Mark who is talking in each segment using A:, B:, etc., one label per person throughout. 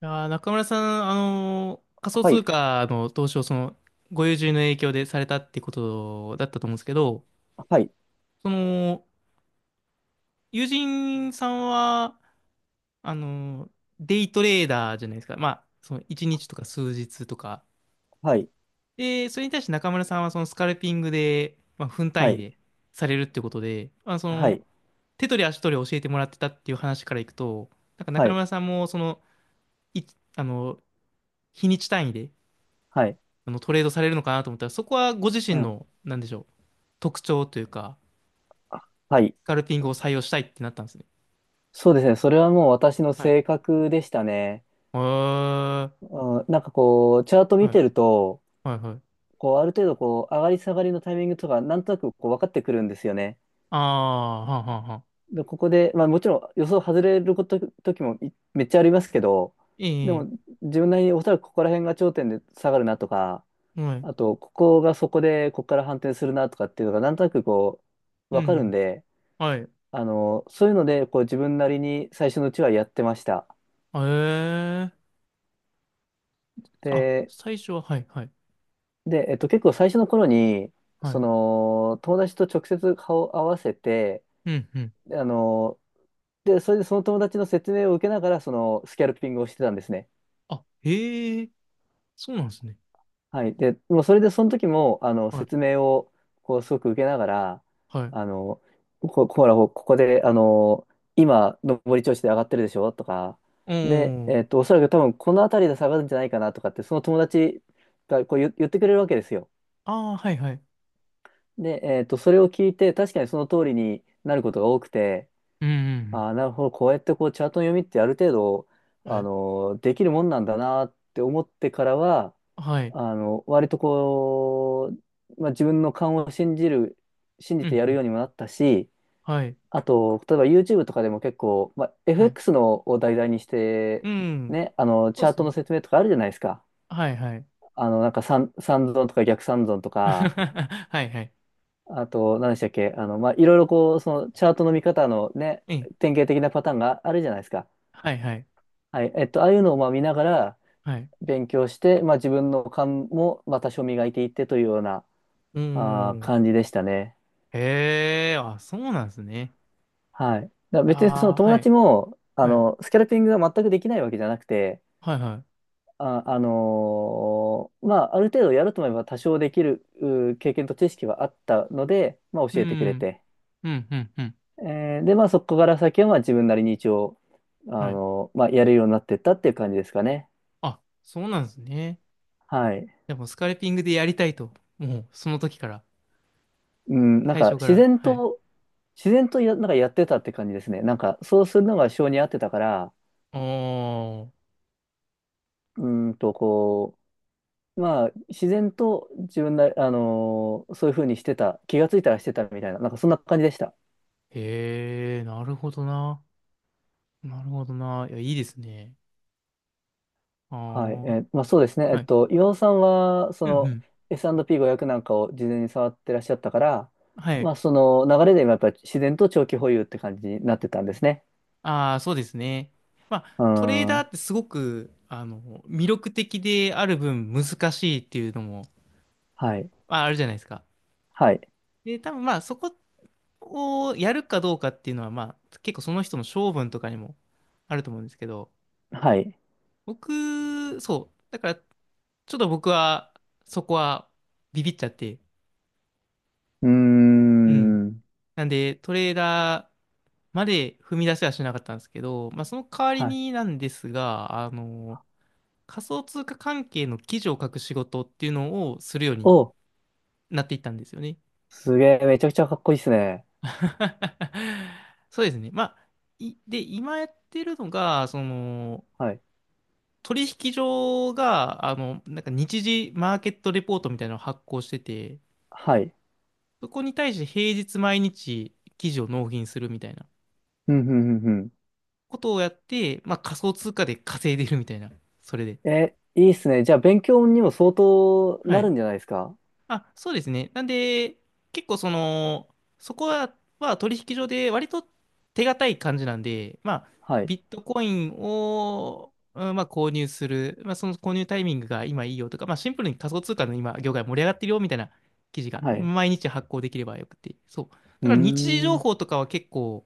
A: 中村さん、仮想
B: は
A: 通
B: い、
A: 貨の投資をその、ご友人の影響でされたってことだったと思うんですけど、
B: はい、
A: その、友人さんは、あのーデイトレーダーじゃないですか。まあ、その1日とか数日とか。
B: はい、
A: で、それに対して中村さんはそのスカルピングで、まあ、分
B: は
A: 単位
B: い、
A: でされるってことで、まあ、そ
B: は
A: の、
B: い、
A: 手取り足取り教えてもらってたっていう話からいくと、なんか
B: は
A: 中
B: い、
A: 村さんもその、い、あの、日にち単位で、
B: はい、
A: トレードされるのかなと思ったら、そこはご自
B: う
A: 身
B: ん。
A: の、なんでしょう、特徴というか、
B: あはい。
A: スカルピングを採用したいってなったんですね。
B: そうですね。それはもう私の
A: はい。へ
B: 性格でしたね。
A: え、は
B: うん、なんかこう、チャート
A: い、
B: 見
A: は
B: てると、
A: い、はい。
B: こう、ある程度こう、上がり下がりのタイミングとか、なんとなくこう、分かってくるんですよね。
A: ああ、はんはんはん。
B: で、ここで、まあもちろん予想外れること、時もめっちゃありますけど、
A: え
B: で
A: え、
B: も自分なりにおそらくここら辺が頂点で下がるなとか、
A: はい、
B: あと、ここがそこで、ここから反転するなとかっていうのが、なんとなくこう、
A: う
B: 分かるん
A: ん、
B: で、
A: はい。
B: あの、そういうので、こう自分なりに最初のうちはやってました。
A: ええ、あ、
B: で、
A: 最初は、はい、はい、
B: で、結構最初の頃に、
A: は
B: そ
A: い。
B: の、友達と直接顔を合わせて、
A: うん、うん。
B: であの、で、それでその友達の説明を受けながら、その、スキャルピングをしてたんですね。
A: あ、へえ、そうなんですね。
B: はい。で、もうそれでその時も、あの、
A: はい、
B: 説明を、こう、すごく受けながら、
A: はい。
B: あの、ほら、ここで、あの、今、上り調子で上がってるでしょとか、
A: お
B: で、
A: ー、
B: おそらく多分、この辺りで下がるんじゃないかなとかって、その友達がこう言ってくれるわけですよ。
A: ああ、はい、はい。
B: で、それを聞いて、確かにその通りになることが多くて、
A: うん、うん、うん、
B: ああ、なるほど。こうやってこうチャートの読みってある程度、
A: は
B: あ
A: い、
B: の、できるもんなんだなって思ってからは、
A: はい。
B: あの、割とこう、まあ、自分の勘を信じる、信
A: う
B: じ
A: ん、
B: てや
A: う
B: るよ
A: ん、
B: うにもなったし、
A: はい、
B: あと、例えば YouTube とかでも結構、まあ、
A: はい。
B: FX のを題材にし
A: う
B: て、
A: ん、
B: ね、あの、
A: そ
B: チ
A: う
B: ャ
A: で
B: ー
A: す
B: トの
A: ね。
B: 説明とかあるじゃないですか。
A: はい、はい。
B: あの、なんか三損とか逆三損と か、
A: はいはい。
B: あと、何でしたっけ、あの、まあ、いろいろこう、そのチャートの見方のね、
A: うん。
B: 典型的なパターンがあるじゃないですか。
A: はいはい。
B: はい。えっと、ああいうのをまあ見ながら
A: はい。
B: 勉強して、まあ自分の勘もまあ多少磨いていってというような、
A: うーん。
B: 感じでしたね。
A: へえ、あ、そうなんですね。
B: はい。だから別にそ
A: あ
B: の
A: あ、
B: 友
A: はい。
B: 達も、あ
A: はい。
B: の、スキャルピングが全くできないわけじゃなくて、
A: はいはい。
B: まあある程度やると思えば多少できる経験と知識はあったので、まあ
A: う
B: 教えてくれ
A: ん。
B: て。
A: うん、うん、うん。
B: で、まあそこから先はまあ自分なりに一応、
A: はい。
B: まあやるようになってったっていう感じですかね。
A: あ、そうなんですね。
B: はい。
A: でも、スカルピングでやりたいと。もう、その時から。
B: うん、なん
A: 最
B: か
A: 初か
B: 自
A: ら。
B: 然
A: はい。
B: と、自然とや、なんかやってたって感じですね。なんか、そうするのが性に合ってたから、
A: おー。
B: こう、まあ、自然と自分な、あのーそういうふうにしてた、気がついたらしてたみたいな、なんかそんな感じでした。
A: へえ、なるほどな。なるほどな。いや、いいですね。あ
B: はい。まあそうですね。
A: あ。
B: えっ
A: はい。
B: と、岩尾さんは、そ
A: うん、う
B: の、
A: ん。
B: S&P500 なんかを事前に触ってらっしゃったから、
A: は
B: ま
A: い。
B: あ、その流れで今やっぱり自然と長期保有って感じになってたんですね。
A: ああ、そうですね。まあ、
B: うー
A: トレーダー
B: ん。
A: ってすごく、魅力的である分難しいっていうのも、
B: はい。
A: まあ、あるじゃないですか。
B: はい。
A: で、多分まあ、そこをやるかどうかっていうのは、まあ、結構その人の性分とかにもあると思うんですけど、
B: はい。
A: 僕、そう。だから、ちょっと僕は、そこはビビっちゃって、
B: うー
A: うん。
B: ん。
A: なんで、トレーダー、まで踏み出せはしなかったんですけど、まあ、その代わり
B: はい。
A: になんですが、あの仮想通貨関係の記事を書く仕事っていうのをするように
B: お
A: なっていったんですよね。
B: すげえ、めちゃくちゃかっこいいっすね。
A: そうですね。まあ、いで、今やってるのが、その、
B: はい。
A: 取引所が、なんか日時マーケットレポートみたいなのを発行してて、
B: はい。
A: そこに対して平日毎日記事を納品するみたいな
B: うん、うん、うん、
A: ことをやって、まあ仮想通貨で稼いでるみたいな、それで。
B: うん。え、いいっすね。じゃあ、勉強にも相当
A: は
B: なる
A: い。
B: んじゃないですか？
A: あ、そうですね。なんで、結構その、そこは取引所で割と手堅い感じなんで、まあ、
B: はい。
A: ビットコインを、うん、まあ、購入する、まあ、その購入タイミングが今いいよとか、まあ、シンプルに仮想通貨の今、業界盛り上がってるよみたいな記事が
B: はい。
A: 毎日発行できればよくて、そう。
B: うー
A: だから日時情
B: ん。
A: 報とかは結構、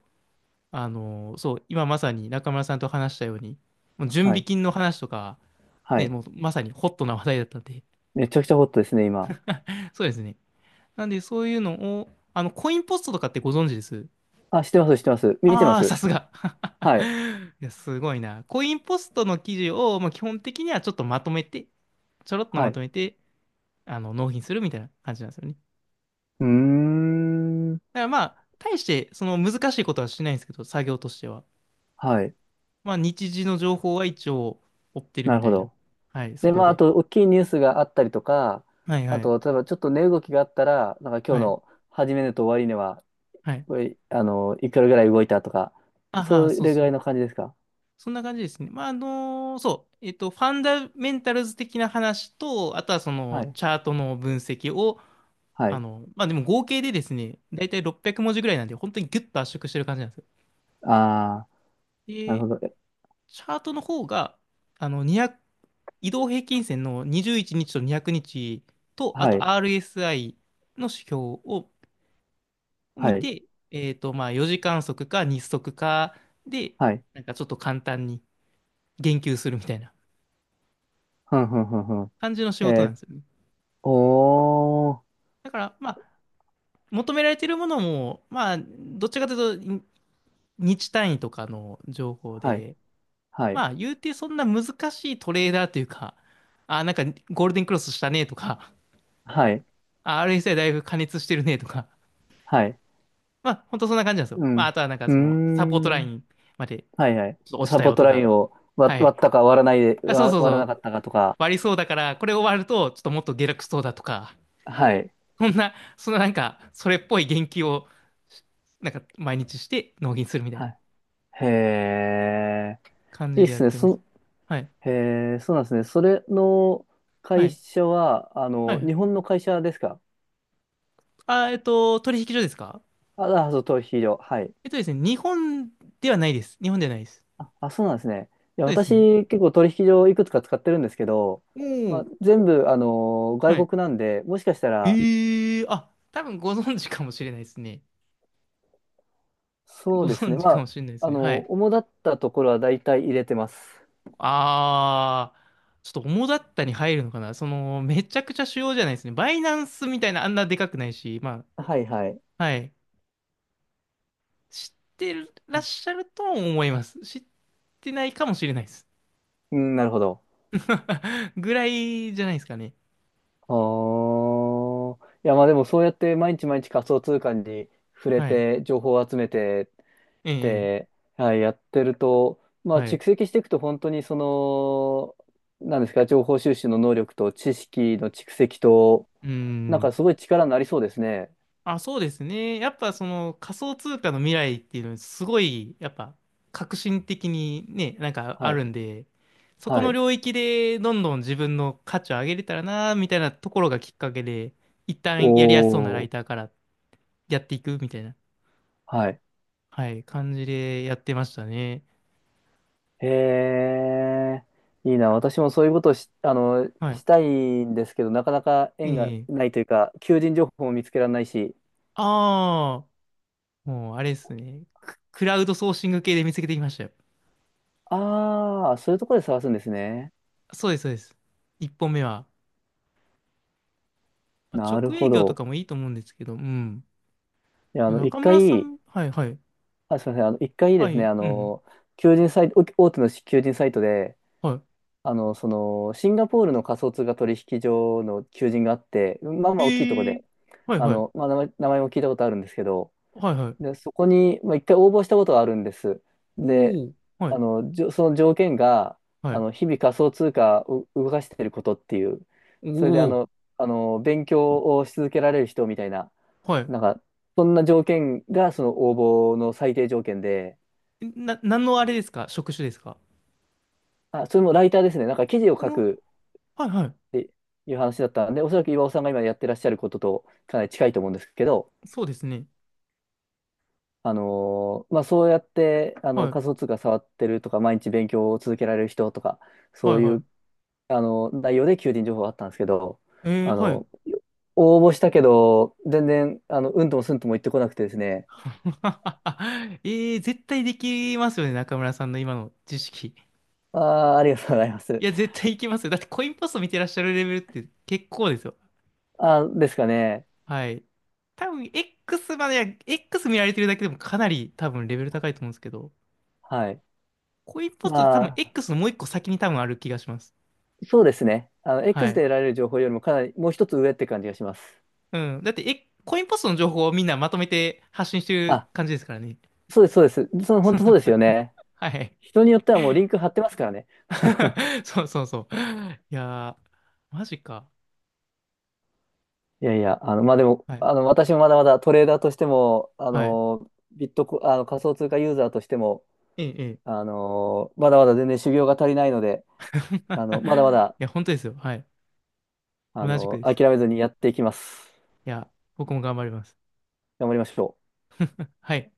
A: そう、今まさに中村さんと話したように、もう準
B: は
A: 備
B: い。
A: 金の話とか、
B: は
A: ね、
B: い。
A: もうまさにホットな話題だったんで、
B: めちゃくちゃホットですね、今。
A: そうですね。なんで、そういうのを、コインポストとかってご存知です？
B: あ、知ってます、知ってます。見てま
A: ああー、さ
B: す。
A: すが。
B: はい。
A: いや、すごいな。コインポストの記事を、まあ、基本的にはちょっとまとめて、ちょろっと
B: は
A: まと
B: い。
A: めて、納品するみたいな感じなんですよね。だか
B: うーん。
A: らまあ、大して、その難しいことはしないんですけど、作業としては。
B: はい。
A: まあ、日時の情報は一応追ってる
B: な
A: み
B: る
A: た
B: ほ
A: いな。
B: ど。
A: はい、そ
B: で、
A: こ
B: まあ、あ
A: で。
B: と、大きいニュースがあったりとか、
A: はい
B: あ
A: はい。
B: と、例えば、ちょっと値動きがあったら、なんか今日
A: はい。
B: の始め値と終値は、
A: はい。
B: これあの、いくらぐらい動いたとか、
A: ああ、
B: そ
A: そう
B: れぐ
A: そ
B: らい
A: う。
B: の感じですか？
A: そんな感じですね。まあ、そう、ファンダメンタルズ的な話と、あとはそ
B: は
A: の
B: い。
A: チャートの分析を、
B: はい。
A: まあでも合計でですね、だいたい600文字ぐらいなんで、本当にギュッと圧縮してる感じなんですよ。
B: ああ、なる
A: で、
B: ほど。え、
A: チャートの方が、20移動平均線の21日と200日と、あ
B: は
A: と
B: い。
A: RSI の指標を見
B: はい。
A: て、まあ4時間足か日足かで、
B: はい。
A: なんかちょっと簡単に言及するみたいな
B: ふんふんふんふん。
A: 感じの仕事
B: え
A: なん
B: ー、
A: ですよね。
B: おー。
A: だから、まあ、求められているものも、まあ、どっちかというと、日単位とかの情報
B: はい。
A: で、
B: はい。
A: まあ、言うてそんな難しいトレーダーというか、あ、なんかゴールデンクロスしたねとか、
B: はい。
A: あ RSI だいぶ加熱してるねとか、
B: はい。
A: まあ、ほんとそんな感じなんですよ。
B: う
A: まあ、
B: ん。
A: あとはなんか
B: うー
A: その、サポートライ
B: ん。
A: ンまでちょ
B: はいはい。
A: っと落ち
B: サ
A: た
B: ポー
A: よ
B: ト
A: と
B: ライ
A: か、
B: ンを割、
A: はい。
B: 割ったか
A: あ、そうそう
B: 割
A: そ
B: らな
A: う、
B: かったかとか。
A: 割りそうだから、これ終わると、ちょっともっと下落しそうだとか、
B: はい。
A: そんな、そのなんか、それっぽい言及を、なんか毎日して納品するみたいな。
B: はい。へえ。
A: 感
B: い
A: じ
B: いっ
A: でや
B: す
A: っ
B: ね。
A: てます。はい。
B: へえ、そうなんですね。それの
A: は
B: 会
A: い。
B: 社は、あ
A: はい
B: の、
A: は
B: 日
A: い。
B: 本の会社ですか？
A: 取引所ですか？
B: あ、あ、そう、取引所。はい。
A: ですね、日本ではないです。日本ではないです。そ
B: あ、あそうなんですね。いや、
A: うですね。
B: 私、結構取引所いくつか使ってるんですけど、
A: お
B: まあ、
A: ー、
B: 全部、あの、
A: は
B: 外
A: い。
B: 国なんで、もしかしたら、
A: ええー、あ、多分ご存知かもしれないですね。
B: そ
A: ご
B: うですね。
A: 存知
B: ま
A: かも
B: あ、
A: しれないです
B: あ
A: ね。は
B: の、
A: い。
B: 主だったところは大体入れてます。
A: ちょっと主だったに入るのかなその、めちゃくちゃ主要じゃないですね。バイナンスみたいなあんなでかくないし、ま
B: はいはい。
A: あ、はい。知ってらっしゃると思います。知ってないかもしれないです。
B: うん、なるほど。
A: ぐらいじゃないですかね。
B: ああ。いや、まあでもそうやって毎日毎日仮想通貨に触れ
A: はい。
B: て、情報を集めてっ
A: ええ、ええ、
B: て、はい、やってると、まあ
A: は
B: 蓄
A: い。
B: 積していくと本当にその、なんですか、情報収集の能力と知識の蓄積と、
A: うー
B: なん
A: ん。
B: かすごい力になりそうですね。
A: あ、そうですね。やっぱその仮想通貨の未来っていうのはすごい、やっぱ革新的にね、なんかあ
B: は
A: る
B: い。
A: んで、そこ
B: は
A: の
B: い。
A: 領域でどんどん自分の価値を上げれたらな、みたいなところがきっかけで、一旦やりやすそうなラ
B: お
A: イ
B: ー。
A: ターからやっていくみたいな、
B: はい。
A: はい、感じでやってましたね。
B: へえ。いいな。私もそういうことをし、あの、
A: はい。
B: したいんですけど、なかなか
A: え
B: 縁が
A: え。
B: ないというか、求人情報も見つけられないし。
A: ああ、もうあれですね。クラウドソーシング系で見つけてきましたよ。
B: ああ、そういうところで探すんですね。
A: そうです、そうです。一本目は。まあ、
B: なる
A: 直営
B: ほ
A: 業と
B: ど。
A: かもいいと思うんですけど、うん。
B: いや、あの、一
A: 中村さ
B: 回、
A: ん、はいはい。
B: あ、すみません。あの、一回
A: は
B: ですね、
A: い、
B: あ
A: うん。
B: の、求人サイト、大手の求人サイトで、
A: は
B: あの、その、シンガポールの仮想通貨取引所の求人があって、まあ
A: い。
B: まあ大きいとこ
A: ー…
B: で、
A: はい
B: あ
A: は
B: の、
A: い。
B: まあ、名前も聞いたことあるんですけど、
A: はいはい。
B: で、そこに、まあ、一回応募したことがあるんです。で、
A: おお、は
B: あ
A: い、
B: の、その条件が、
A: は
B: あ
A: い。
B: の、日々仮想通貨を動かしていることっていう、
A: お
B: それで
A: お、
B: 勉強をし続けられる人みたいな、
A: はい。
B: なんか、そんな条件が、その応募の最低条件で、
A: 何のあれですか、職種ですか？
B: あ、それもライターですね。なんか記事を
A: う
B: 書
A: ん、
B: く
A: はいはい。
B: っていう話だったんで、おそらく岩尾さんが今やってらっしゃることとかなり近いと思うんですけど、
A: そうですね。
B: まあ、そうやって、あ
A: は
B: の、
A: い、
B: 仮想通貨触ってるとか、毎日勉強を続けられる人とか、
A: はい
B: そうい
A: は
B: う、
A: い。
B: あの、内容で求人情報があったんですけど、あ
A: はい。
B: の、応募したけど、全然、あの、うんともすんとも言ってこなくてですね、
A: 絶対できますよね、中村さんの今の知識。
B: ああ、ありがとうございます。
A: いや、絶対いきますよ。だってコインポスト見てらっしゃるレベルって結構ですよ。
B: あー、ですかね。
A: はい。多分 X までは、X 見られてるだけでもかなり多分レベル高いと思うんですけど、
B: はい。
A: コインポストって多分
B: まあ、
A: X のもう一個先に多分ある気がします。
B: そうですね。あの、
A: は
B: X で
A: い。
B: 得られる情報よりもかなり、もう一つ上って感じがします。
A: うん。だって、コインポストの情報をみんなまとめて発信してる
B: あ、
A: 感じですからね。
B: そうです、そうです。その、本当そうですよね。
A: はい。
B: 人によってはもうリンク貼ってますからね。
A: そうそうそう。いやー、マジか。
B: いやいや、あの、まあ、でも、
A: はい。
B: あの、私もまだまだトレーダーとしても、あ
A: はい。
B: の、ビットコ、あの、仮想通貨ユーザーとしても、
A: ええ、ええ。
B: あの、まだまだ全然修行が足りないので、あの、まだま
A: い
B: だ、
A: や、本当ですよ。はい。
B: あ
A: 同じく
B: の、
A: です。
B: 諦めずにやっていきます。
A: いや、僕も頑張ります。
B: 頑張りましょう。
A: はい。